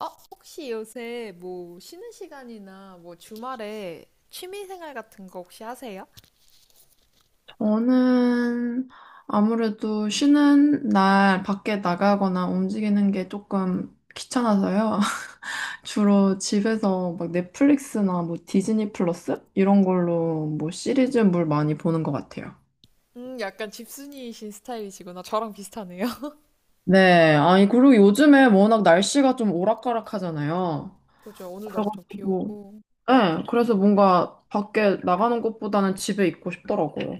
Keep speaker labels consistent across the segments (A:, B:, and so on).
A: 어, 혹시 요새 뭐 쉬는 시간이나 뭐 주말에 취미 생활 같은 거 혹시 하세요?
B: 저는 아무래도 쉬는 날 밖에 나가거나 움직이는 게 조금 귀찮아서요. 주로 집에서 막 넷플릭스나 뭐 디즈니 플러스 이런 걸로 뭐 시리즈물 많이 보는 것 같아요.
A: 약간 집순이이신 스타일이시구나. 저랑 비슷하네요.
B: 네. 아니, 그리고 요즘에 워낙 날씨가 좀 오락가락하잖아요.
A: 그죠? 오늘도 엄청 비
B: 그래가지고,
A: 오고.
B: 네. 그래서 뭔가 밖에 나가는 것보다는 집에 있고 싶더라고요.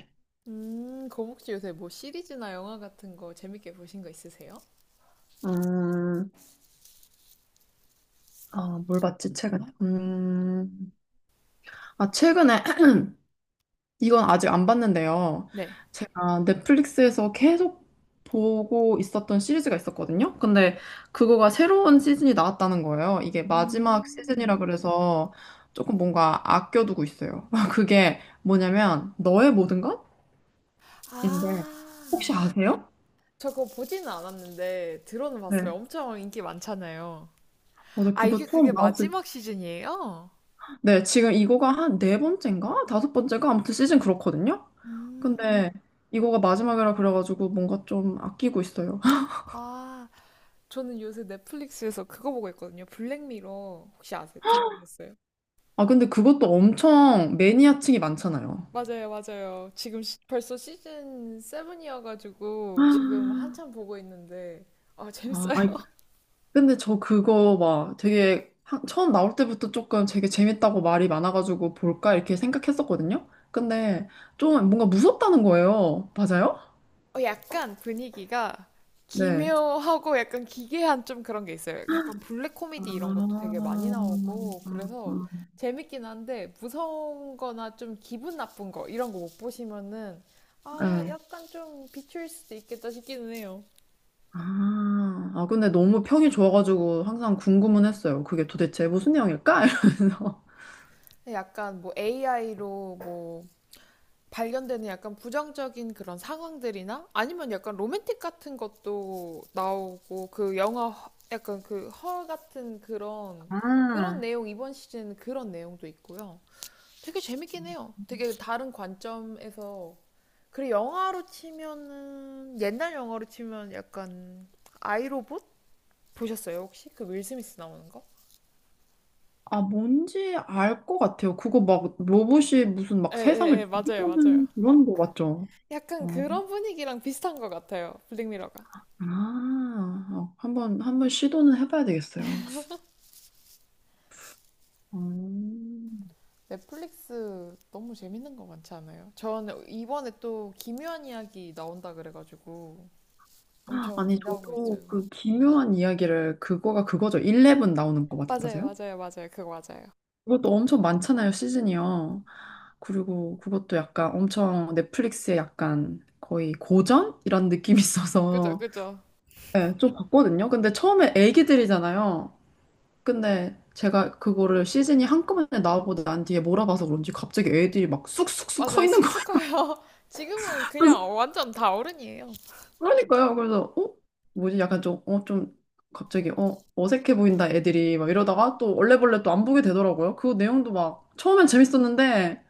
A: 그럼 혹시 요새 뭐 시리즈나 영화 같은 거 재밌게 보신 거 있으세요?
B: 음, 아, 뭘 봤지, 최근에? 아, 최근에 이건 아직 안 봤는데요.
A: 네.
B: 제가 넷플릭스에서 계속 보고 있었던 시리즈가 있었거든요. 근데 그거가 새로운 시즌이 나왔다는 거예요. 이게 마지막
A: 음.
B: 시즌이라 그래서 조금 뭔가 아껴두고 있어요. 그게 뭐냐면 너의 모든 것인데 혹시
A: 아,
B: 아세요?
A: 저 그거 보지는 않았는데 들어는
B: 네.
A: 봤어요. 엄청 인기 많잖아요.
B: 맞아,
A: 아,
B: 그거
A: 이게
B: 처음
A: 그게
B: 나왔을 때.
A: 마지막 시즌이에요?
B: 네, 지금 이거가 한 네 번째인가? 다섯 번째가 아무튼 시즌 그렇거든요.
A: 음.
B: 근데 이거가 마지막이라 그래가지고 뭔가 좀 아끼고 있어요.
A: 아, 저는 요새 넷플릭스에서 그거 보고 있거든요. 블랙미러 혹시 아세요? 들어보셨어요?
B: 아, 근데 그것도 엄청 매니아층이 많잖아요.
A: 맞아요, 맞아요. 지금 벌써 시즌 7이어가지고 지금
B: 아,
A: 한참 보고 있는데 아 재밌어요.
B: 아이, 근데 저 그거 막 되게 하- 처음 나올 때부터 조금 되게 재밌다고 말이 많아가지고 볼까 이렇게 생각했었거든요. 근데 좀 뭔가 무섭다는 거예요. 맞아요?
A: 약간 분위기가
B: 네.
A: 기묘하고 약간 기괴한 좀 그런 게 있어요. 약간 블랙 코미디 이런 것도
B: 아,
A: 되게 많이 나오고 그래서 재밌긴 한데 무서운 거나 좀 기분 나쁜 거 이런 거 못 보시면은
B: 아,
A: 아
B: 네.
A: 약간 좀 비추일 수도 있겠다 싶기는 해요.
B: 아, 아, 근데 너무 평이 좋아가지고 항상 궁금은 했어요. 그게 도대체 무슨 내용일까? 이러면서.
A: 약간 뭐 AI로 뭐 발견되는 약간 부정적인 그런 상황들이나 아니면 약간 로맨틱 같은 것도 나오고 그 영화 약간 그 허 같은 그런 내용 이번 시즌 그런 내용도 있고요. 되게 재밌긴 해요. 되게 다른 관점에서 그리고 영화로 치면은 옛날 영화로 치면 약간 아이로봇 보셨어요 혹시? 그 윌 스미스 나오는 거?
B: 아, 뭔지 알 것 같아요. 그거 막 로봇이 무슨
A: 예,
B: 막
A: 예,
B: 세상을
A: 예, 맞아요, 맞아요.
B: 지배하는 그런 거 같죠?
A: 약간
B: 어.
A: 그런 분위기랑 비슷한 것 같아요. 블랙미러가.
B: 아, 어, 한번 시도는 해봐야 되겠어요. 음.
A: 넷플릭스 너무 재밌는 거 많지 않아요? 저는 이번에 또 기묘한 이야기 나온다 그래가지고 엄청
B: 아니,
A: 기대하고
B: 저도
A: 있어요.
B: 그 기묘한 이야기를 그거가 그거죠. 11 나오는 거 맞,
A: 맞아요,
B: 맞아요?
A: 맞아요, 맞아요. 그거 맞아요.
B: 그것도 엄청 많잖아요, 시즌이요. 그리고 그것도 약간 엄청 넷플릭스에 약간 거의 고전? 이런 느낌이
A: 그죠,
B: 있어서
A: 그죠.
B: 네, 좀 봤거든요. 근데 처음에 애기들이잖아요. 근데 제가 그거를 시즌이 한꺼번에 나오고 난 뒤에 몰아봐서 그런지 갑자기 애들이 막 쑥쑥쑥 커
A: 맞아요.
B: 있는
A: 쑥쑥
B: 거예요.
A: 커요. 지금은
B: 그
A: 그냥
B: 서
A: 완전 다 어른이에요.
B: 그러니까요. 그래서 어? 뭐지? 약간 좀, 어, 좀 갑자기 어, 어색해 보인다 애들이 막 이러다가 또 얼레벌레 또 안 보게 되더라고요. 그 내용도 막 처음엔 재밌었는데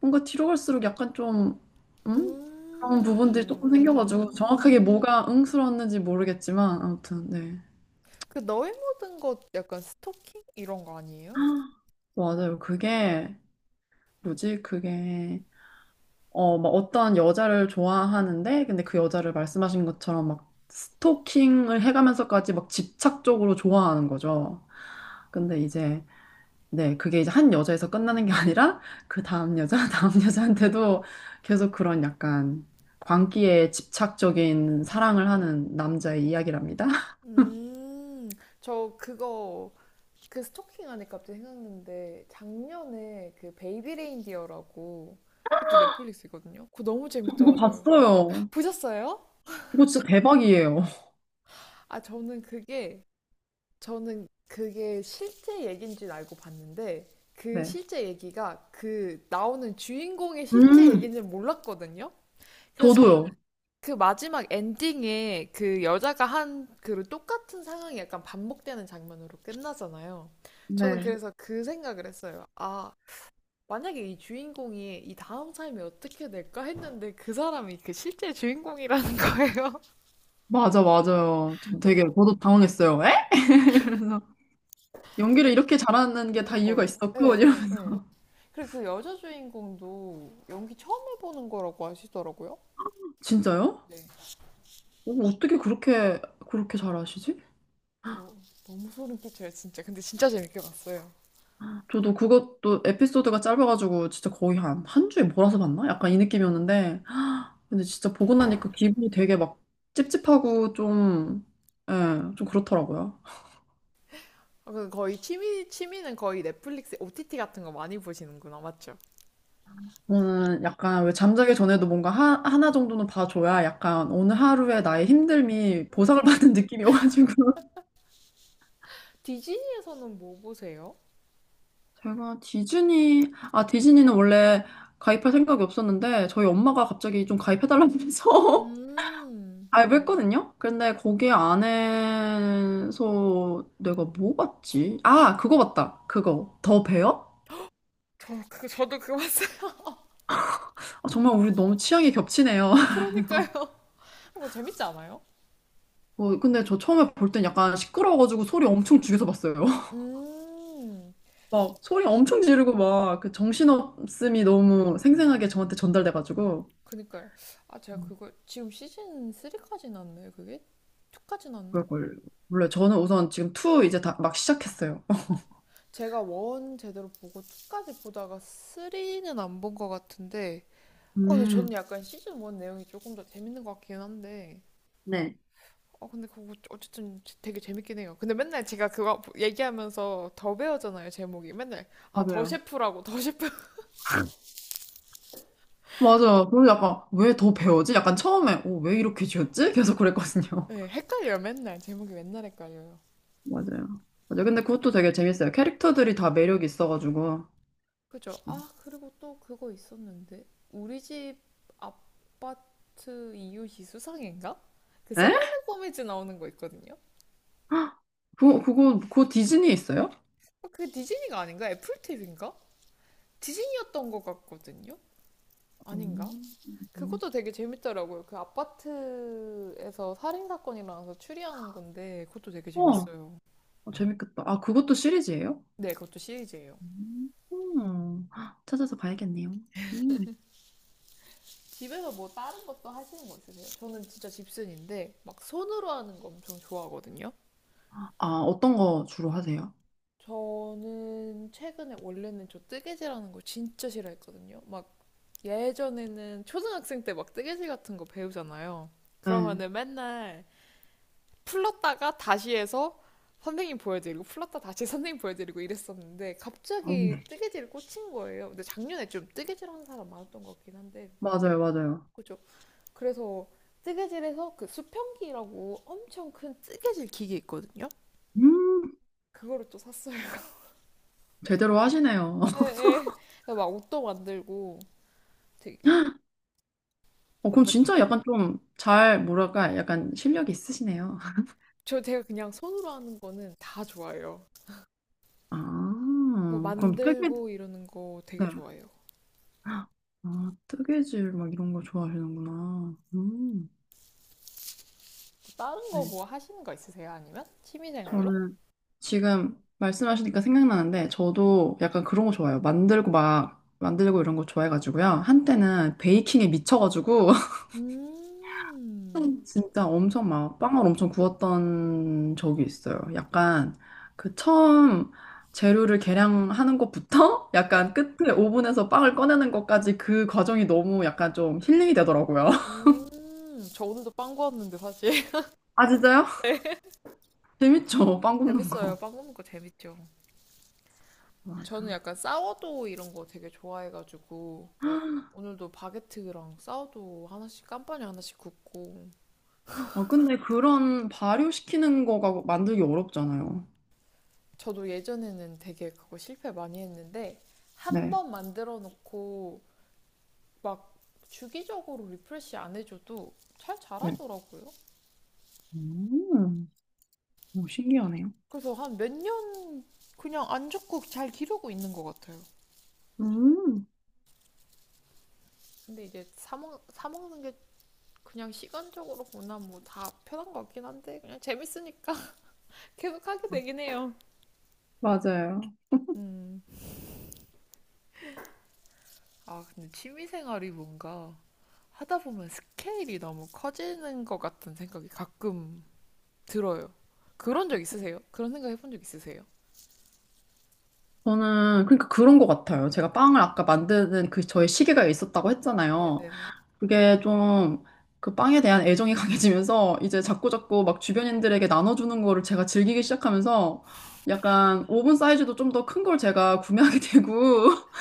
B: 뭔가 뒤로 갈수록 약간 좀 음? 그런 부분들이
A: 음,
B: 조금 생겨가지고 정확하게
A: 음.
B: 뭐가 응스러웠는지 모르겠지만 아무튼 네.
A: 그 너의 모든 것 약간 스토킹 이런 거 아니에요?
B: 맞아요. 그게 뭐지? 그게 어, 막 어떤 여자를 좋아하는데, 근데 그 여자를 말씀하신 것처럼 막 스토킹을 해가면서까지 막 집착적으로 좋아하는 거죠. 근데 이제, 네, 그게 이제 한 여자에서 끝나는 게 아니라, 그 다음 여자, 다음 여자한테도 계속 그런 약간 광기에 집착적인 사랑을 하는 남자의 이야기랍니다.
A: 음, 저 그거 그 스토킹 하니까 갑자기 생각났는데 작년에 그 베이비 레인디어라고 그것도 넷플릭스거든요. 그거 너무
B: 이거
A: 재밌더라고요.
B: 봤어요.
A: 보셨어요?
B: 이거 진짜 대박이에요.
A: 아 저는 그게 실제 얘기인 줄 알고 봤는데 그
B: 네.
A: 실제 얘기가 그 나오는 주인공의 실제
B: 음,
A: 얘기인지는 몰랐거든요. 그래서 저는
B: 저도요.
A: 그 마지막 엔딩에 그 여자가 한 그 똑같은 상황이 약간 반복되는 장면으로 끝나잖아요. 저는
B: 네.
A: 그래서 그 생각을 했어요. 아, 만약에 이 주인공이 이 다음 삶이 어떻게 될까 했는데 그 사람이 그 실제 주인공이라는 거예요.
B: 맞아, 맞아요. 좀
A: 근데
B: 되게, 저도 당황했어요. 에? 그래서 연기를
A: 그
B: 이렇게 잘하는 게 다 이유가
A: 그니까요.
B: 있었고
A: 예,
B: 이런
A: 예, 예. 그리고 그 여자 주인공도 연기 처음 해보는 거라고 하시더라고요.
B: 진짜요?
A: 네.
B: 오, 어떻게 그렇게 잘하시지?
A: 저 너무 소름 끼쳐요, 진짜. 근데 진짜 재밌게 봤어요.
B: 저도 그것도 에피소드가 짧아가지고 진짜 거의 한 주에 몰아서 봤나? 약간 이 느낌이었는데 근데 진짜 보고 나니까 기분이 되게 막 찝찝하고 좀 예, 좀 그렇더라고요.
A: 아, 그 거의 취미, 취미는 거의 넷플릭스 OTT 같은 거 많이 보시는구나, 맞죠?
B: 저는 약간 왜 잠자기 전에도 뭔가 하, 하나 정도는 봐줘야 약간 오늘 하루에 나의 힘듦이 보상을
A: 음.
B: 받는 느낌이 오가지고
A: 디즈니에서는 뭐 보세요?
B: 제가 디즈니, 아, 디즈니는 원래 가입할 생각이 없었는데, 저희 엄마가 갑자기 좀 가입해달라고 해서
A: 음,
B: 가입했거든요? 근데 거기 안에서 내가 뭐 봤지? 아, 그거 봤다. 그거. 더 베어?
A: 저도 그거 봤어요.
B: 아, 정말 우리 너무 취향이 겹치네요.
A: 그러니까요. 뭐 재밌지 않아요?
B: 뭐, 근데 저 처음에 볼 땐 약간 시끄러워가지고 소리 엄청 죽여서 봤어요.
A: 음,
B: 막 소리 엄청 지르고 막 그 정신없음이 너무 생생하게 저한테 전달돼가지고.
A: 그니까요. 아, 제가
B: 음,
A: 그걸 지금 시즌 3까지 났나요, 그게? 2까지 났나?
B: 그걸, 몰라 저는 우선 지금 투 이제 다 막 시작했어요.
A: 제가 원 제대로 보고 2까지 보다가 3는 안 본 것 같은데, 어, 근데 저는
B: 음.
A: 약간 시즌 1 내용이 조금 더 재밌는 것 같긴 한데,
B: 네.
A: 어, 근데 그거 어쨌든 되게 재밌긴 해요. 근데 맨날 제가 그거 얘기하면서 더 배우잖아요, 제목이. 맨날, 아, 더 셰프라고, 더 셰프.
B: 맞아요. 그리고 약간 왜 더 배워지? 약간 처음에 어, 왜 이렇게 지었지? 계속 그랬거든요.
A: 네, 헷갈려요, 맨날. 제목이 맨날 헷갈려요.
B: 맞아요. 맞아요. 근데 그것도 되게 재밌어요. 캐릭터들이 다 매력이 있어가지고.
A: 그죠? 아, 그리고 또 그거 있었는데. 우리 집 아파트 이웃이 수상인가? 그
B: 에?
A: 셀레나 고메즈 나오는 거 있거든요.
B: 그거 디즈니 있어요?
A: 어, 그게 디즈니가 아닌가? 애플 티비인가 디즈니였던 것 같거든요. 아닌가?
B: 음. 음.
A: 그것도 되게 재밌더라고요. 그 아파트에서 살인 사건이 일어나서 추리하는 건데 그것도 되게
B: 어,
A: 재밌어요.
B: 어, 재밌겠다. 아, 그것도 시리즈예요?
A: 네, 그것도 시리즈예요.
B: 음. 음. 찾아서 봐야겠네요. 음.
A: 집에서 뭐 다른 것도 하시는 거 있으세요? 저는 진짜 집순인데 막 손으로 하는 거 엄청 좋아하거든요.
B: 아, 어떤 거 주로 하세요?
A: 저는 최근에 원래는 저 뜨개질하는 걸 진짜 싫어했거든요. 막 예전에는 초등학생 때 막 뜨개질 같은 거 배우잖아요.
B: 네.
A: 그러면은 맨날 풀렀다가 다시 해서 선생님 보여드리고 풀렀다 다시 선생님 보여드리고 이랬었는데 갑자기
B: 음.
A: 뜨개질 을 꽂힌 거예요. 근데 작년에 좀 뜨개질 하는 사람 많았던 것 같긴 한데
B: 맞아요, 맞아요.
A: 그죠? 그래서 뜨개질에서 그 수평기라고 엄청 큰 뜨개질 기계 있거든요.
B: 음,
A: 그거를 또 샀어요.
B: 제대로 하시네요.
A: 네 네 막 옷도 만들고 되게
B: 어, 그럼
A: 뭔가
B: 진짜 약간 좀 잘, 뭐랄까, 약간 실력이 있으시네요.
A: 저 제가 그냥 손으로 하는 거는 다 좋아해요. 뭐
B: 아, 그럼 뜨개,
A: 만들고 이러는 거 되게
B: 네.
A: 좋아해요.
B: 아, 뜨개질 막 이런 거 좋아하시는구나.
A: 다른 거
B: 네.
A: 뭐 하시는 거 있으세요? 아니면 취미생활로?
B: 저는 지금 말씀하시니까 생각나는데, 저도 약간 그런 거 좋아해요. 만들고 막, 만들고 이런 거 좋아해가지고요. 한때는 베이킹에 미쳐가지고,
A: 음,
B: 진짜 엄청 막 빵을 엄청 구웠던 적이 있어요. 약간 그 처음 재료를 계량하는 것부터
A: 네.
B: 약간 끝에 오븐에서 빵을 꺼내는 것까지 그 과정이 너무 약간 좀 힐링이 되더라고요.
A: 음, 저 오늘도 빵 구웠는데 사실.
B: 아, 진짜요? 재밌죠? 빵 굽는
A: 재밌어요.
B: 거.
A: 빵 구우는 거 재밌죠. 저는
B: 맞아.
A: 약간 사워도우 이런 거 되게 좋아해가지고 오늘도 바게트랑 사워도우 하나씩 깜빠니 하나씩 굽고
B: 어, 근데 그런 발효시키는 거가 만들기 어렵잖아요.
A: 저도 예전에는 되게 그거 실패 많이 했는데 한
B: 네.
A: 번 만들어 놓고 막 주기적으로 리프레시 안 해줘도 잘
B: 네.
A: 자라더라고요.
B: 음, 오, 신기하네요.
A: 그래서 한 몇 년 그냥 안 죽고 잘 기르고 있는 것 같아요.
B: 음,
A: 근데 이제 사먹, 사먹는 게 그냥 시간적으로 보나 뭐 다 편한 것 같긴 한데 그냥 재밌으니까 계속 하게 되긴 해요.
B: 맞아요.
A: 음. 아, 근데 취미생활이 뭔가 하다 보면 스케일이 너무 커지는 것 같은 생각이 가끔 들어요. 그런 적 있으세요? 그런 생각 해본 적 있으세요?
B: 저는 그러니까 그런 것 같아요. 제가 빵을 아까 만드는 그 저의 시계가 있었다고 했잖아요.
A: 네네네.
B: 그게 좀 그 빵에 대한 애정이 강해지면서 이제 자꾸자꾸 막 주변인들에게 나눠주는 거를 제가 즐기기 시작하면서 약간 오븐 사이즈도 좀 더 큰 걸 제가 구매하게 되고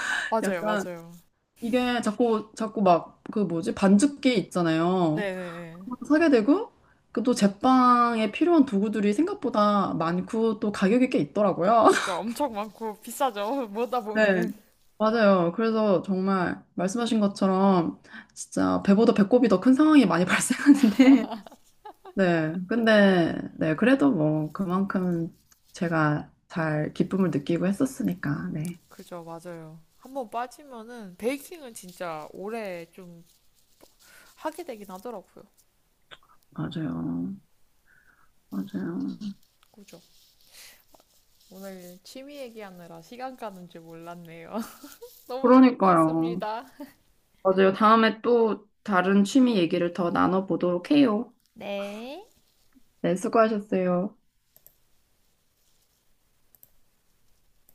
A: 맞아요,
B: 약간
A: 맞아요.
B: 이게 자꾸 막 그 뭐지 반죽기 있잖아요.
A: 네네.
B: 그거 사게 되고 그 또 제빵에 필요한 도구들이 생각보다 많고 또 가격이 꽤 있더라고요.
A: 그죠. 엄청 많고 비싸죠. 뭐다
B: 네.
A: 보면은.
B: 맞아요. 그래서 정말 말씀하신 것처럼 진짜 배보다 배꼽이 더 큰 상황이 많이 발생하는데, 네. 근데, 네. 그래도 뭐 그만큼 제가 잘 기쁨을 느끼고 했었으니까, 네.
A: 그죠. 맞아요. 한번 빠지면은 베이킹은 진짜 오래 좀 하게 되긴 하더라고요.
B: 맞아요. 맞아요.
A: 그죠. 오늘 취미 얘기하느라 시간 가는 줄 몰랐네요. 너무
B: 그러니까요.
A: 재밌었습니다.
B: 맞아요. 다음에 또 다른 취미 얘기를 더 나눠보도록 해요.
A: 네.
B: 네. 수고하셨어요.